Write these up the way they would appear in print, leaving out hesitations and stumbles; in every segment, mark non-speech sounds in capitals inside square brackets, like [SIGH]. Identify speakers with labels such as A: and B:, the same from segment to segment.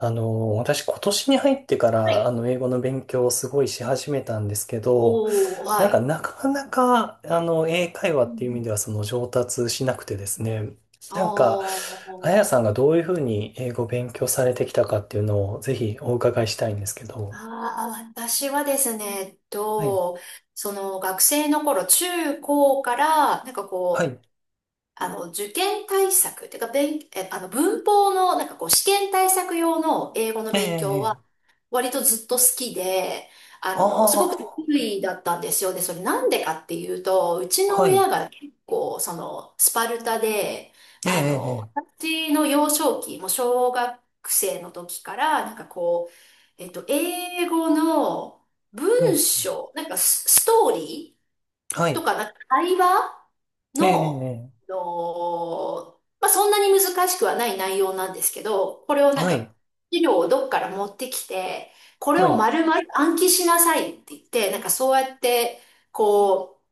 A: 私今年に入ってか
B: は
A: ら、
B: い。
A: 英語の勉強をすごいし始めたんですけど、
B: おお、
A: なん
B: は
A: か
B: い。
A: なかなか、英会話
B: う
A: っていう意味
B: ん。
A: ではその上達しなくてですね、
B: あ
A: なんか、あや
B: ー
A: さんがどういうふうに英語を勉強されてきたかっていうのをぜひお伺いしたいんですけど。
B: あー、私はですね、えっ
A: はい。
B: と、その学生の頃、中高から、
A: はい。
B: 受験対策ってか、勉、え、あの、文法の、試験対策用の英語の
A: ええ、
B: 勉
A: え
B: 強は、
A: え。
B: 割とずっと好きで、
A: あ
B: すごく得
A: あ、
B: 意だったんですよ。で、それなんでかっていうと、うちの
A: はい。
B: 親が結構、その、スパルタで、
A: ええ、
B: あ
A: え
B: の、
A: え、
B: 私の幼少期、もう小学生の時から、英語の
A: うん。
B: 文章、ストーリ
A: は
B: ーと
A: い。
B: か、なんか会話
A: ええ、
B: の、あ
A: え
B: のまあ、そんなに難しくはない内容なんですけど、これを
A: え、
B: なん
A: は
B: か、
A: い。
B: 資料をどっから持ってきて、これ
A: は
B: を
A: い。
B: 丸々暗記しなさいって言って、なんかそうやって、こう、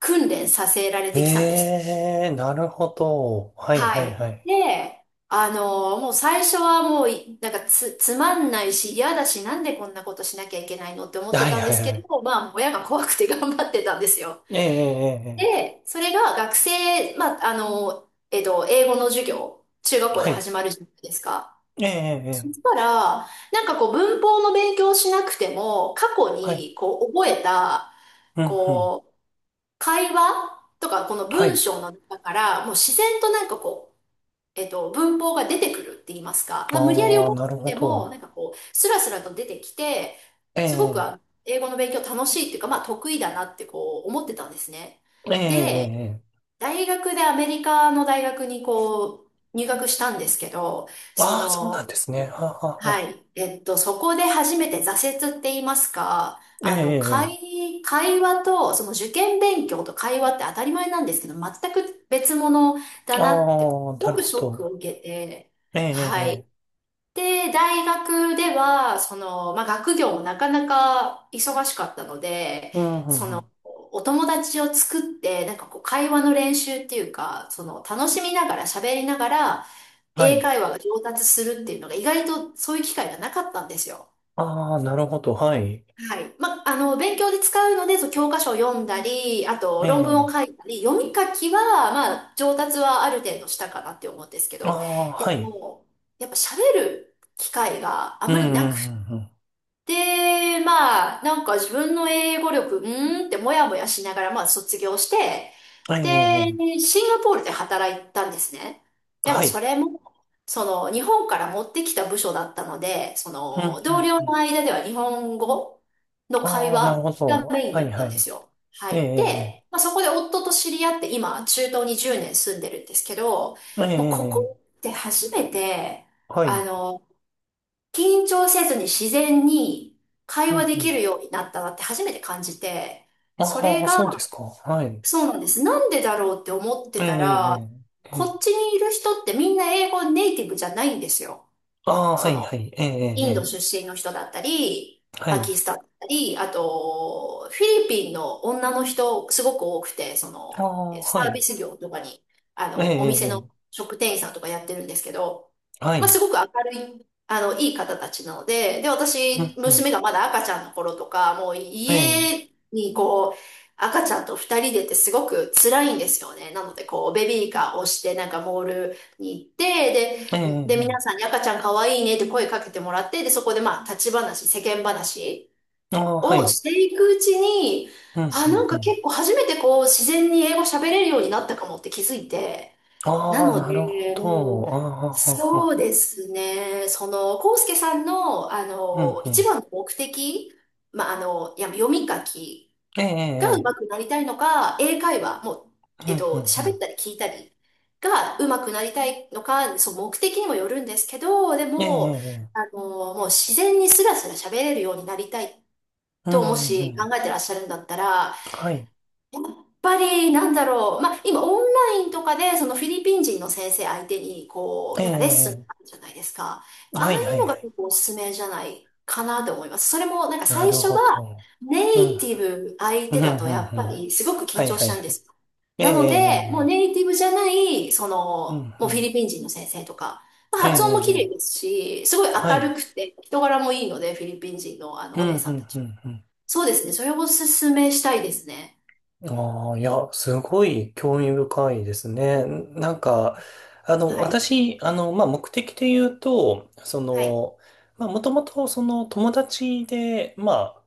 B: 訓練させられてきたんです
A: え
B: ね。
A: え、なるほど。はい、は
B: は
A: い、
B: い。
A: はい。
B: で、あのもう最初はもうい、なんかつ、つまんないし嫌だし、なんでこんなことしなきゃいけないのって思って
A: はい
B: たん
A: は
B: です
A: いは
B: け
A: い。
B: ど、まあ、親が怖くて頑張ってたんですよ。
A: ええ、ええ、ええ、
B: で、それが学生、まあ、あの、えっと、英語の授業、中学校
A: は
B: で
A: い。
B: 始まるじゃないですか。
A: ええ、ええ、
B: そ
A: え
B: し
A: え、
B: たら、なんかこう文法の勉強をしなくても、過去
A: はい。
B: にこう覚えた、
A: うん、うん。
B: こう、会話とか、この
A: は
B: 文
A: い。
B: 章の中から、もう自然と文法が出てくるって言いますか、まあ、無理やり
A: ああ、
B: 覚
A: なる
B: え
A: ほ
B: ても、
A: ど。
B: なんかこう、スラスラと出てきて、
A: え
B: すごく
A: え、
B: あの英語の勉強楽しいっていうか、まあ得意だなってこう思ってたんですね。
A: ええ、え
B: で、
A: え、ええ、
B: 大学でアメリカの大学にこう入学したんですけど、そ
A: ああー、そうな
B: の、
A: んですね。はあはあは
B: は
A: あ、
B: い、えっと、そこで初めて挫折って言いますか、
A: ええ、え
B: あの、
A: え、え
B: 会話と、その受験勉強と会話って当たり前なんですけど、全く別物
A: え、
B: だ
A: あ
B: なって、す
A: あ、な
B: ご
A: る
B: く
A: ほ
B: ショック
A: ど。
B: を受けて、
A: ええ、ええ、
B: はい。
A: ええ、
B: で、大学では、その、まあ、学業もなかなか忙しかったので、
A: うん、う
B: そ
A: ん、う
B: の、
A: ん。
B: お友達を作って、なんかこう、会話の練習っていうか、その、楽しみながら喋りながら、
A: は
B: 英
A: い。
B: 会話が上達するっていうのが意外とそういう機会がなかったんですよ。
A: ああ、なるほど。はい。
B: はい。まあ、あの、勉強で使うので、そう教科書を読んだり、あと
A: え
B: 論文を
A: え、
B: 書いたり、読み書きは、まあ、上達はある程度したかなって思うんですけ
A: あ
B: ど、
A: あ、は
B: で
A: い。
B: も、やっぱ喋る機会があ
A: う
B: ん
A: ん、
B: ま
A: う
B: りなく
A: ん、うん、
B: で、まあ、なんか自分の英語力、うーんってもやもやしながら、まあ卒業して、
A: うん。ええ、ええ、
B: で、シンガポールで働いたんですね。でも
A: は
B: そ
A: い。
B: れも、その、日本から持ってきた部署だったので、そ
A: うん、
B: の、
A: う
B: 同
A: ん、
B: 僚
A: う
B: の
A: ん。
B: 間では日本語の会
A: ああ、なる
B: 話
A: ほ
B: が
A: ど。
B: メイン
A: は
B: だ
A: い、
B: った
A: は
B: んで
A: い。
B: すよ。は
A: え
B: い。
A: え、
B: で、まあそこで夫と知り合って、今、中東に10年住んでるんですけど、
A: ええ、ええ、
B: もう
A: ええ、
B: こ
A: え
B: こ
A: え、
B: って初めて、
A: はい。う
B: あ
A: ん
B: の、緊張せずに自然に会
A: う
B: 話でき
A: ん。
B: るようになったなって初めて感じて、そ
A: あ
B: れ
A: あ、そうで
B: が、
A: すか。はい。
B: そうなんです。なんでだろうって思って
A: ええ、
B: た
A: え
B: ら、
A: え、え
B: こ
A: え。
B: っちにいる人ってみんな英語ネイティブじゃないんですよ。
A: ああ、は
B: そ
A: い、は
B: の、
A: い。ええ、ええ、
B: インド
A: え
B: 出身の人だったり、
A: え、は
B: パ
A: い。
B: キスタンだったり、あと、フィリピンの女の人、すごく多くて、そ
A: あ
B: の、
A: あ、
B: えっとサ
A: は
B: ー
A: い。
B: ビス業とかに、あ
A: ええ、
B: の、お
A: ええ、
B: 店の
A: ええ、
B: 食店員さんとかやってるんですけど、
A: は
B: まあ、す
A: い。
B: ごく明るい、あの、いい方たちなので、で、
A: うん、
B: 私、
A: うん。
B: 娘がまだ赤ちゃんの頃とか、もう
A: ええ、
B: 家にこう、赤ちゃんと二人でってすごく辛いんですよね。なので、こう、ベビーカーを押して、なんかモールに行って、
A: ええ、
B: で、で、
A: え
B: 皆
A: え。
B: さんに赤ちゃん可愛いいねって声かけてもらって、で、そこでまあ、立ち話、世間話
A: ああ、は
B: を
A: い。
B: していくうちに、
A: うん、
B: あ、
A: うん、
B: なん
A: う
B: か
A: ん。
B: 結構初めてこう、自然に英語喋れるようになったかもって気づいて、な
A: ああ、
B: の
A: なるほ
B: で、もう、
A: ど。ああ、
B: そうですね、その、コウスケさんの、あ
A: うん、
B: の、
A: う
B: 一
A: ん。
B: 番の目的、まあ、あの、いや、読み書き
A: ええ、
B: が
A: え
B: 上手く
A: え、
B: なりたいのか、英会話、もう、
A: ええ、う
B: えっ
A: ん、うん、
B: と、
A: う
B: 喋っ
A: ん。
B: たり聞いたりが上手くなりたいのか、そう、目的にもよるんですけど、で
A: ええ、え
B: も、
A: え、ええ、
B: あの、もう自然にスラスラ喋れるようになりたい
A: うん、
B: と、も
A: うん、う
B: し考
A: ん。
B: えてらっしゃるんだったら、
A: はい。
B: ぱり、なんだろう。まあ、今、オンラインとかで、そのフィリピン人の先生相手に、こ
A: ええ、
B: う、なんかレッスンあ
A: え
B: るじゃないですか。
A: え、
B: ああ
A: はい、
B: い
A: は
B: う
A: い、
B: の
A: は
B: が
A: い。
B: 結構おすすめじゃないかなと思います。それも、なんか
A: な
B: 最
A: る
B: 初
A: ほ
B: が、
A: ど。
B: ネ
A: うん、
B: イティブ相
A: うん、う
B: 手だと、や
A: ん、
B: っ
A: う
B: ぱ
A: ん。
B: り、すごく緊
A: はい、
B: 張
A: は
B: しち
A: い、
B: ゃ
A: は
B: うんで
A: い。
B: すよ。
A: ええ、
B: な
A: え
B: の
A: え、
B: で、もう
A: ええ、
B: ネイティブじゃない、そ
A: うん、
B: の、
A: う
B: もうフィ
A: ん。
B: リピン人の先生とか、まあ、
A: ええ、
B: 発音も綺麗
A: ええ、
B: ですし、すごい
A: は
B: 明
A: い。
B: るくて、人柄もいいので、フィリピン人のあの、
A: うん、
B: お姉さ
A: う
B: んた
A: ん、う
B: ち。
A: ん、
B: そうですね。それをおすすめしたいですね。
A: うん。ああ、いや、すごい興味深いですね。なんか、
B: はい。
A: 私、まあ、目的で言うと、そ
B: はい。
A: の、まあ、もともと、その、友達で、まあ、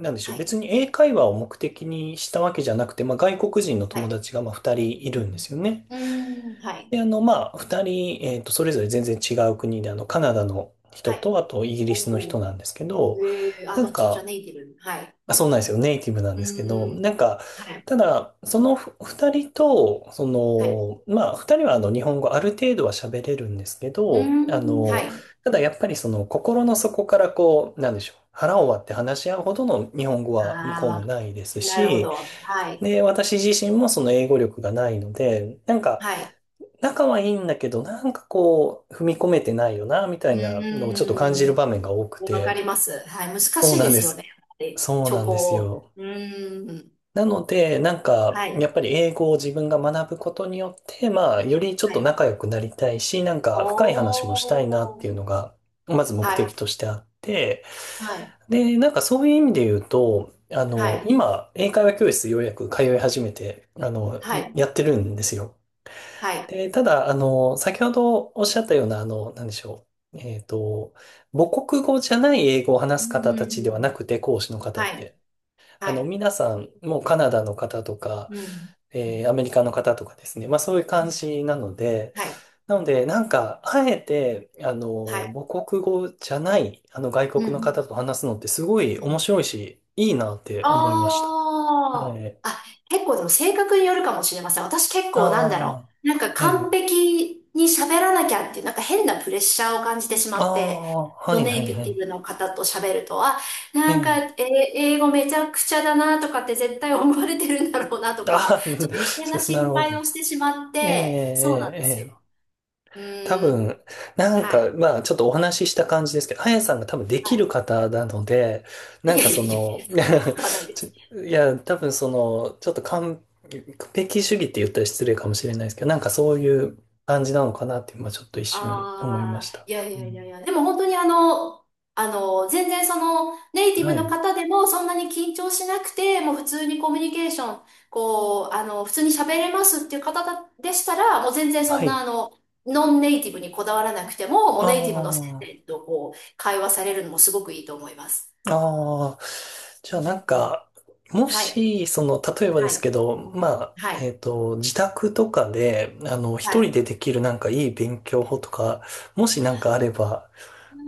A: なんでしょう、
B: は
A: 別
B: い。
A: に英会話を目的にしたわけじゃなくて、まあ、外国人の
B: は
A: 友
B: い。
A: 達が、まあ、二人い
B: う
A: るんで
B: ん。
A: すよね。
B: うーん。はい。
A: で、まあ、二人、それぞれ全然違う国で、カナダの人
B: はい。
A: と、あと、イギリスの
B: お
A: 人
B: お。
A: なんですけど、
B: ええあ、
A: な
B: ど
A: ん
B: っちもじゃあ
A: か、
B: ネイティブ。はい。
A: まあ、そうなんですよ。ネイティブなん
B: う
A: ですけど、な
B: ー
A: ん
B: ん。
A: か、
B: はい。
A: ただ、その二人と、そ
B: はい。
A: の、まあ、二人は日本語ある程度は喋れるんですけ
B: うー
A: ど、
B: ん。はい。
A: ただやっぱりその、心の底からこう、なんでしょう。腹を割って話し合うほどの日本語は向
B: ああ、
A: こうも
B: わ
A: ないです
B: なるほ
A: し、
B: ど。はい。
A: で、私自身もその英語力がないので、なんか、
B: はい。
A: 仲はいいんだけど、なんかこう、踏み込めてないよな、みた
B: う
A: いなのをちょっと感
B: ー
A: じる
B: ん。
A: 場面が多く
B: わか
A: て、
B: ります。はい。難
A: そう
B: しい
A: な
B: で
A: んで
B: すよね。
A: す。
B: で、
A: そう
B: チ
A: な
B: ョ
A: んです
B: コ。
A: よ。
B: うーん。
A: なので、なんか、
B: は
A: や
B: い。
A: っぱり英語を自分が学ぶことによって、まあ、よりちょっ
B: は
A: と
B: い。
A: 仲良くなりたいし、なんか深い話もしたいなっ
B: お
A: ていう
B: ー。
A: のが、まず目
B: は
A: 的
B: い。
A: としてあって、
B: はい。
A: で、なんかそういう意味で言うと、
B: はい。
A: 今、英会話教室ようやく通い始めて、
B: はい。
A: やってるんですよ。
B: はい。
A: で、ただ、先ほどおっしゃったような、なんでしょう。母国語じゃない英語を
B: う
A: 話す方たちで
B: ー
A: はな
B: ん。
A: くて、講師の方っ
B: はい。
A: て。
B: はい。
A: 皆さん、もうカナダの方とか、
B: うん。
A: アメリカの方とかですね。まあそういう感じなので、
B: はい。
A: なので、なんか、あえて、
B: はい。
A: 母国語じゃない、外
B: う
A: 国の方
B: ん。
A: と話すのってすごい
B: う
A: 面
B: ん。
A: 白いし、いいなって思いました。は
B: ああ。
A: い。
B: あ、結構でも性格によるかもしれません。私結構なんだろ
A: あ
B: う。なんか
A: あ、え
B: 完
A: え、
B: 璧に喋らなきゃっていう、なんか変なプレッシャーを感じてしま
A: あ
B: って、
A: あ、は
B: ノ
A: い
B: ネ
A: は
B: イ
A: いは
B: ティ
A: い。
B: ブの方と喋ると、あ、
A: え
B: なんか、
A: え、
B: えー、英語めちゃくちゃだなとかって絶対思われてるんだろうなとか、
A: ああ、
B: ちょっと余計な
A: [LAUGHS] なる
B: 心
A: ほ
B: 配
A: ど。
B: をしてしまっ
A: ええ、え
B: て、そうなん
A: え、
B: です
A: ええ、
B: よ。う
A: 多
B: ーん。
A: 分、なん
B: は
A: か、
B: い。
A: まあ、ちょっとお話しした感じですけど、あやさんが多分で
B: は
A: きる
B: い。
A: 方なので、
B: い
A: な
B: や
A: んか
B: いや
A: そ
B: いやい
A: の、
B: や、そんなことはない
A: [LAUGHS]
B: で
A: ち
B: す。
A: いや、多分その、ちょっと完璧主義って言ったら失礼かもしれないですけど、なんかそういう感じなのかなって、今ちょっと一瞬思いま
B: ああ、
A: した。
B: いやい
A: う
B: やい
A: ん、
B: やいや、でも本当にあの、あの、全然その、ネイティ
A: は
B: ブの
A: い。
B: 方でもそんなに緊張しなくて、もう普通にコミュニケーション、こう、あの、普通に喋れますっていう方だでしたら、もう全然そ
A: は
B: んな
A: い。
B: あの、ノンネイティブにこだわらなくても、もう
A: あ
B: ネイティブの先生
A: あ。
B: とこう、会話されるのもすごくいいと思います。
A: ああ、じ
B: う
A: ゃあなん
B: ん
A: か、も
B: はい。
A: し、その、例えばで
B: は
A: すけ
B: い。
A: ど、まあ、
B: はい。
A: 自宅とかで、
B: は
A: 一人
B: い。
A: でできるなんかいい勉強法とか、もしなんかあれば、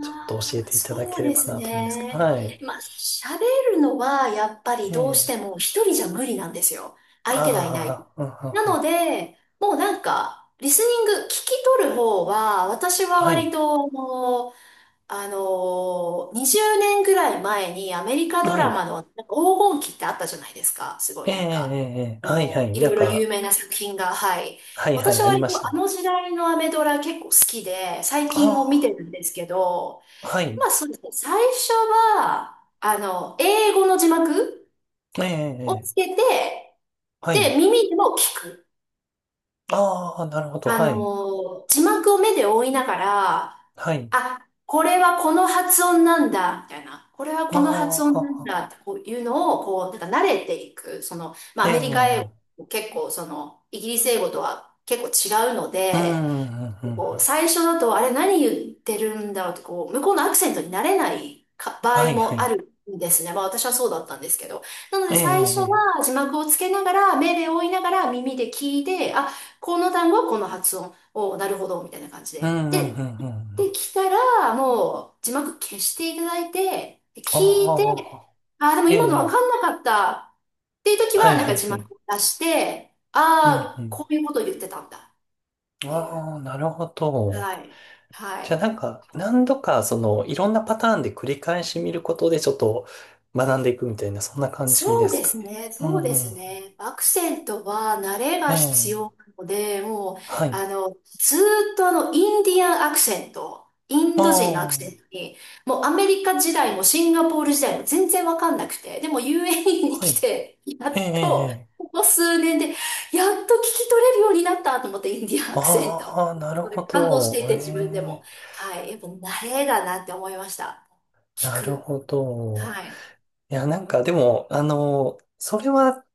A: ちょっと教え
B: あ、
A: ていただ
B: そ
A: け
B: う
A: れ
B: で
A: ば
B: す
A: なと思うんですけど。
B: ね。
A: はい。
B: まあ、喋るのはやっぱり
A: え
B: どうし
A: え。
B: ても一人じゃ無理なんですよ。
A: あ
B: 相手がいない。
A: あ、うん、う
B: な
A: んう
B: の
A: ん、
B: で、もうなんか、リスニング、聞き取る方は、私は
A: はい。
B: 割と、もう、あのー、20年ぐらい前にアメリカド
A: は
B: ラ
A: い。
B: マのなんか黄金期ってあったじゃないですか。すご
A: え
B: い
A: え、
B: なんか、
A: ええ、ええ、
B: あ
A: はい、は
B: の
A: い。
B: ー、い
A: な
B: ろ
A: ん
B: いろ有
A: か、
B: 名な作品が、はい。
A: はい、は
B: 私
A: い、あ
B: は
A: り
B: 割
A: ま
B: と
A: した
B: あ
A: ね。
B: の時代のアメドラ結構好きで、最近も見て
A: あ
B: るんですけど、
A: あ、は
B: ま
A: い。
B: あ、そうですね。最初は、あの、英語の字幕
A: ええ、ええ、
B: を
A: え
B: つ
A: え、
B: けて、
A: はい。
B: で、耳でも聞く。
A: ああ、なるほど。
B: あ
A: はい。
B: の字幕を目で追いながら、
A: はい。
B: あ、これはこの発音なんだ、みたいな。これはこの発
A: あ
B: 音なん
A: あ、
B: だ、ってこういうのを、こう、なんか慣れていく。その、まあ、
A: え
B: ア
A: え、
B: メリカ英
A: ええ、
B: 語、結構、その、イギリス英語とは結構違うの
A: う
B: で、
A: んうんうんうん。
B: こう最初だと、あれ何言ってるんだろうとこう、向こうのアクセントになれないか場
A: は
B: 合
A: いは
B: もあ
A: い。
B: るんですね。まあ私はそうだったんですけど。なの
A: え
B: で最初
A: え、ええ、
B: は字幕をつけながら、目で追いながら耳で聞いて、あ、この単語はこの発音を、なるほど、みたいな感じ
A: う
B: で。
A: んうん
B: で、
A: うんう
B: で
A: ん。
B: きたら、もう字幕消していただいて、で聞いて、
A: ああ、
B: あ、でも
A: え
B: 今のわか
A: え、
B: んなかったっていう時
A: は
B: は、
A: い
B: なん
A: は
B: か
A: い
B: 字
A: は
B: 幕
A: い。
B: を出して、
A: うんう
B: ああ、
A: ん。
B: こういうことを言ってたんだっていう。
A: ああ、なるほど。
B: はい。は
A: じゃあ
B: い。
A: なんか、何度か、その、いろんなパターンで繰り返し見ることで、ちょっと学んでいくみたいな、そんな感じ
B: そ
A: で
B: う
A: す
B: で
A: か
B: す
A: ね。
B: ね、
A: うん
B: そう
A: う
B: です
A: ん。
B: ね。アクセントは慣れ
A: え
B: が必
A: え、
B: 要なので、もう、
A: はい。
B: あの、ずーっとあの、インディアンアクセント、イン
A: あ
B: ド人のアクセン
A: あ、
B: トに、もうアメリカ時代もシンガポール時代も全然わかんなくて、でも u a に
A: は
B: 来
A: い。
B: て、や
A: ええ、え
B: っと、
A: え、ええ、
B: ここ数年で、やっと聞き取れるようになったと思って、インディアンアクセント。
A: ああ、なる
B: それ
A: ほ
B: 感動して
A: ど。
B: いて、自分で
A: え
B: も。
A: え、
B: はい。やっぱ慣れだなって思いました。聞
A: なる
B: く。
A: ほど。
B: はい。
A: いや、なんかでも、それは、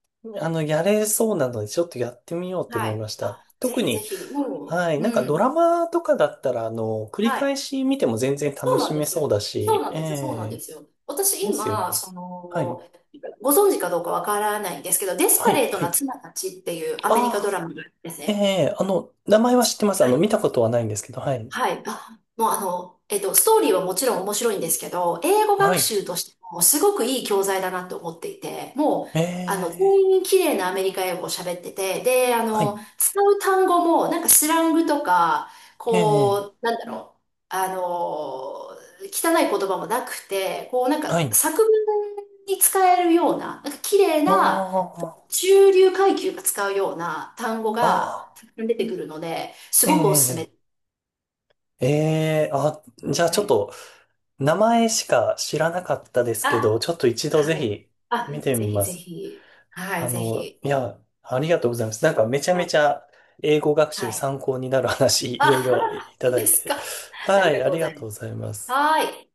A: やれそうなので、ちょっとやってみようって思
B: は
A: い
B: い。
A: ました。
B: あ、ぜ
A: 特
B: ひぜ
A: に、
B: ひ、も
A: はい、
B: う、
A: なん
B: う
A: かド
B: ん。
A: ラマとかだったら、繰り
B: は
A: 返
B: い。
A: し見ても全然
B: そ
A: 楽
B: う
A: し
B: なんで
A: め
B: すよ。
A: そうだ
B: そう
A: し、
B: なん
A: え
B: です。そうなんで
A: え、
B: すよ。私
A: ですよね。
B: 今、そ
A: はい、
B: の、ご存知かどうかわからないんですけど、デス
A: は
B: パ
A: い、
B: レート
A: は
B: な
A: い。
B: 妻たちっていうアメリカ
A: あ
B: ドラ
A: あ、
B: マがあるんです
A: え
B: ね。
A: え、名前は知ってます。
B: はい
A: 見たことはないんですけど、はい。
B: はい。あ、もうあの、えっと、ストーリーはもちろん面白いんですけど、英語
A: は
B: 学
A: い、
B: 習としてもすごくいい教材だなと思っていて、もう、
A: え
B: あの、全
A: え、
B: 員綺麗なアメリカ英語を喋ってて、で、あ
A: は
B: の、
A: い、
B: 使う単語も、なんかスラングとか、
A: え
B: こ
A: え、
B: う、なんだろう、あの、汚い言葉もなくて、こう、なん
A: は
B: か
A: い。
B: 作文に使えるような、なんか綺麗な、
A: ああ、
B: 中流階級が使うような単語
A: あ
B: が
A: あ、
B: たくさん出てくるので、すごくおすすめ。
A: ええ、ええ、あ、じゃあち
B: は
A: ょっ
B: い。
A: と、名前しか知らなかったですけど、
B: あ
A: ちょっと一度ぜ
B: はい。
A: ひ見
B: あ、
A: て
B: ぜ
A: み
B: ひ
A: ま
B: ぜ
A: す。
B: ひ。はい、ぜひ。
A: いや、ありがとうございます。なんかめちゃ
B: は
A: めち
B: い。
A: ゃ英語学習
B: は
A: に
B: い。
A: 参考になる話、いろい
B: あ、
A: ろい
B: [LAUGHS]
A: た
B: 本当
A: だ
B: で
A: い
B: す
A: て。
B: か。あ
A: は
B: りが
A: い、
B: と
A: あ
B: うご
A: りが
B: ざい
A: とうございま
B: ます。
A: す。
B: はい。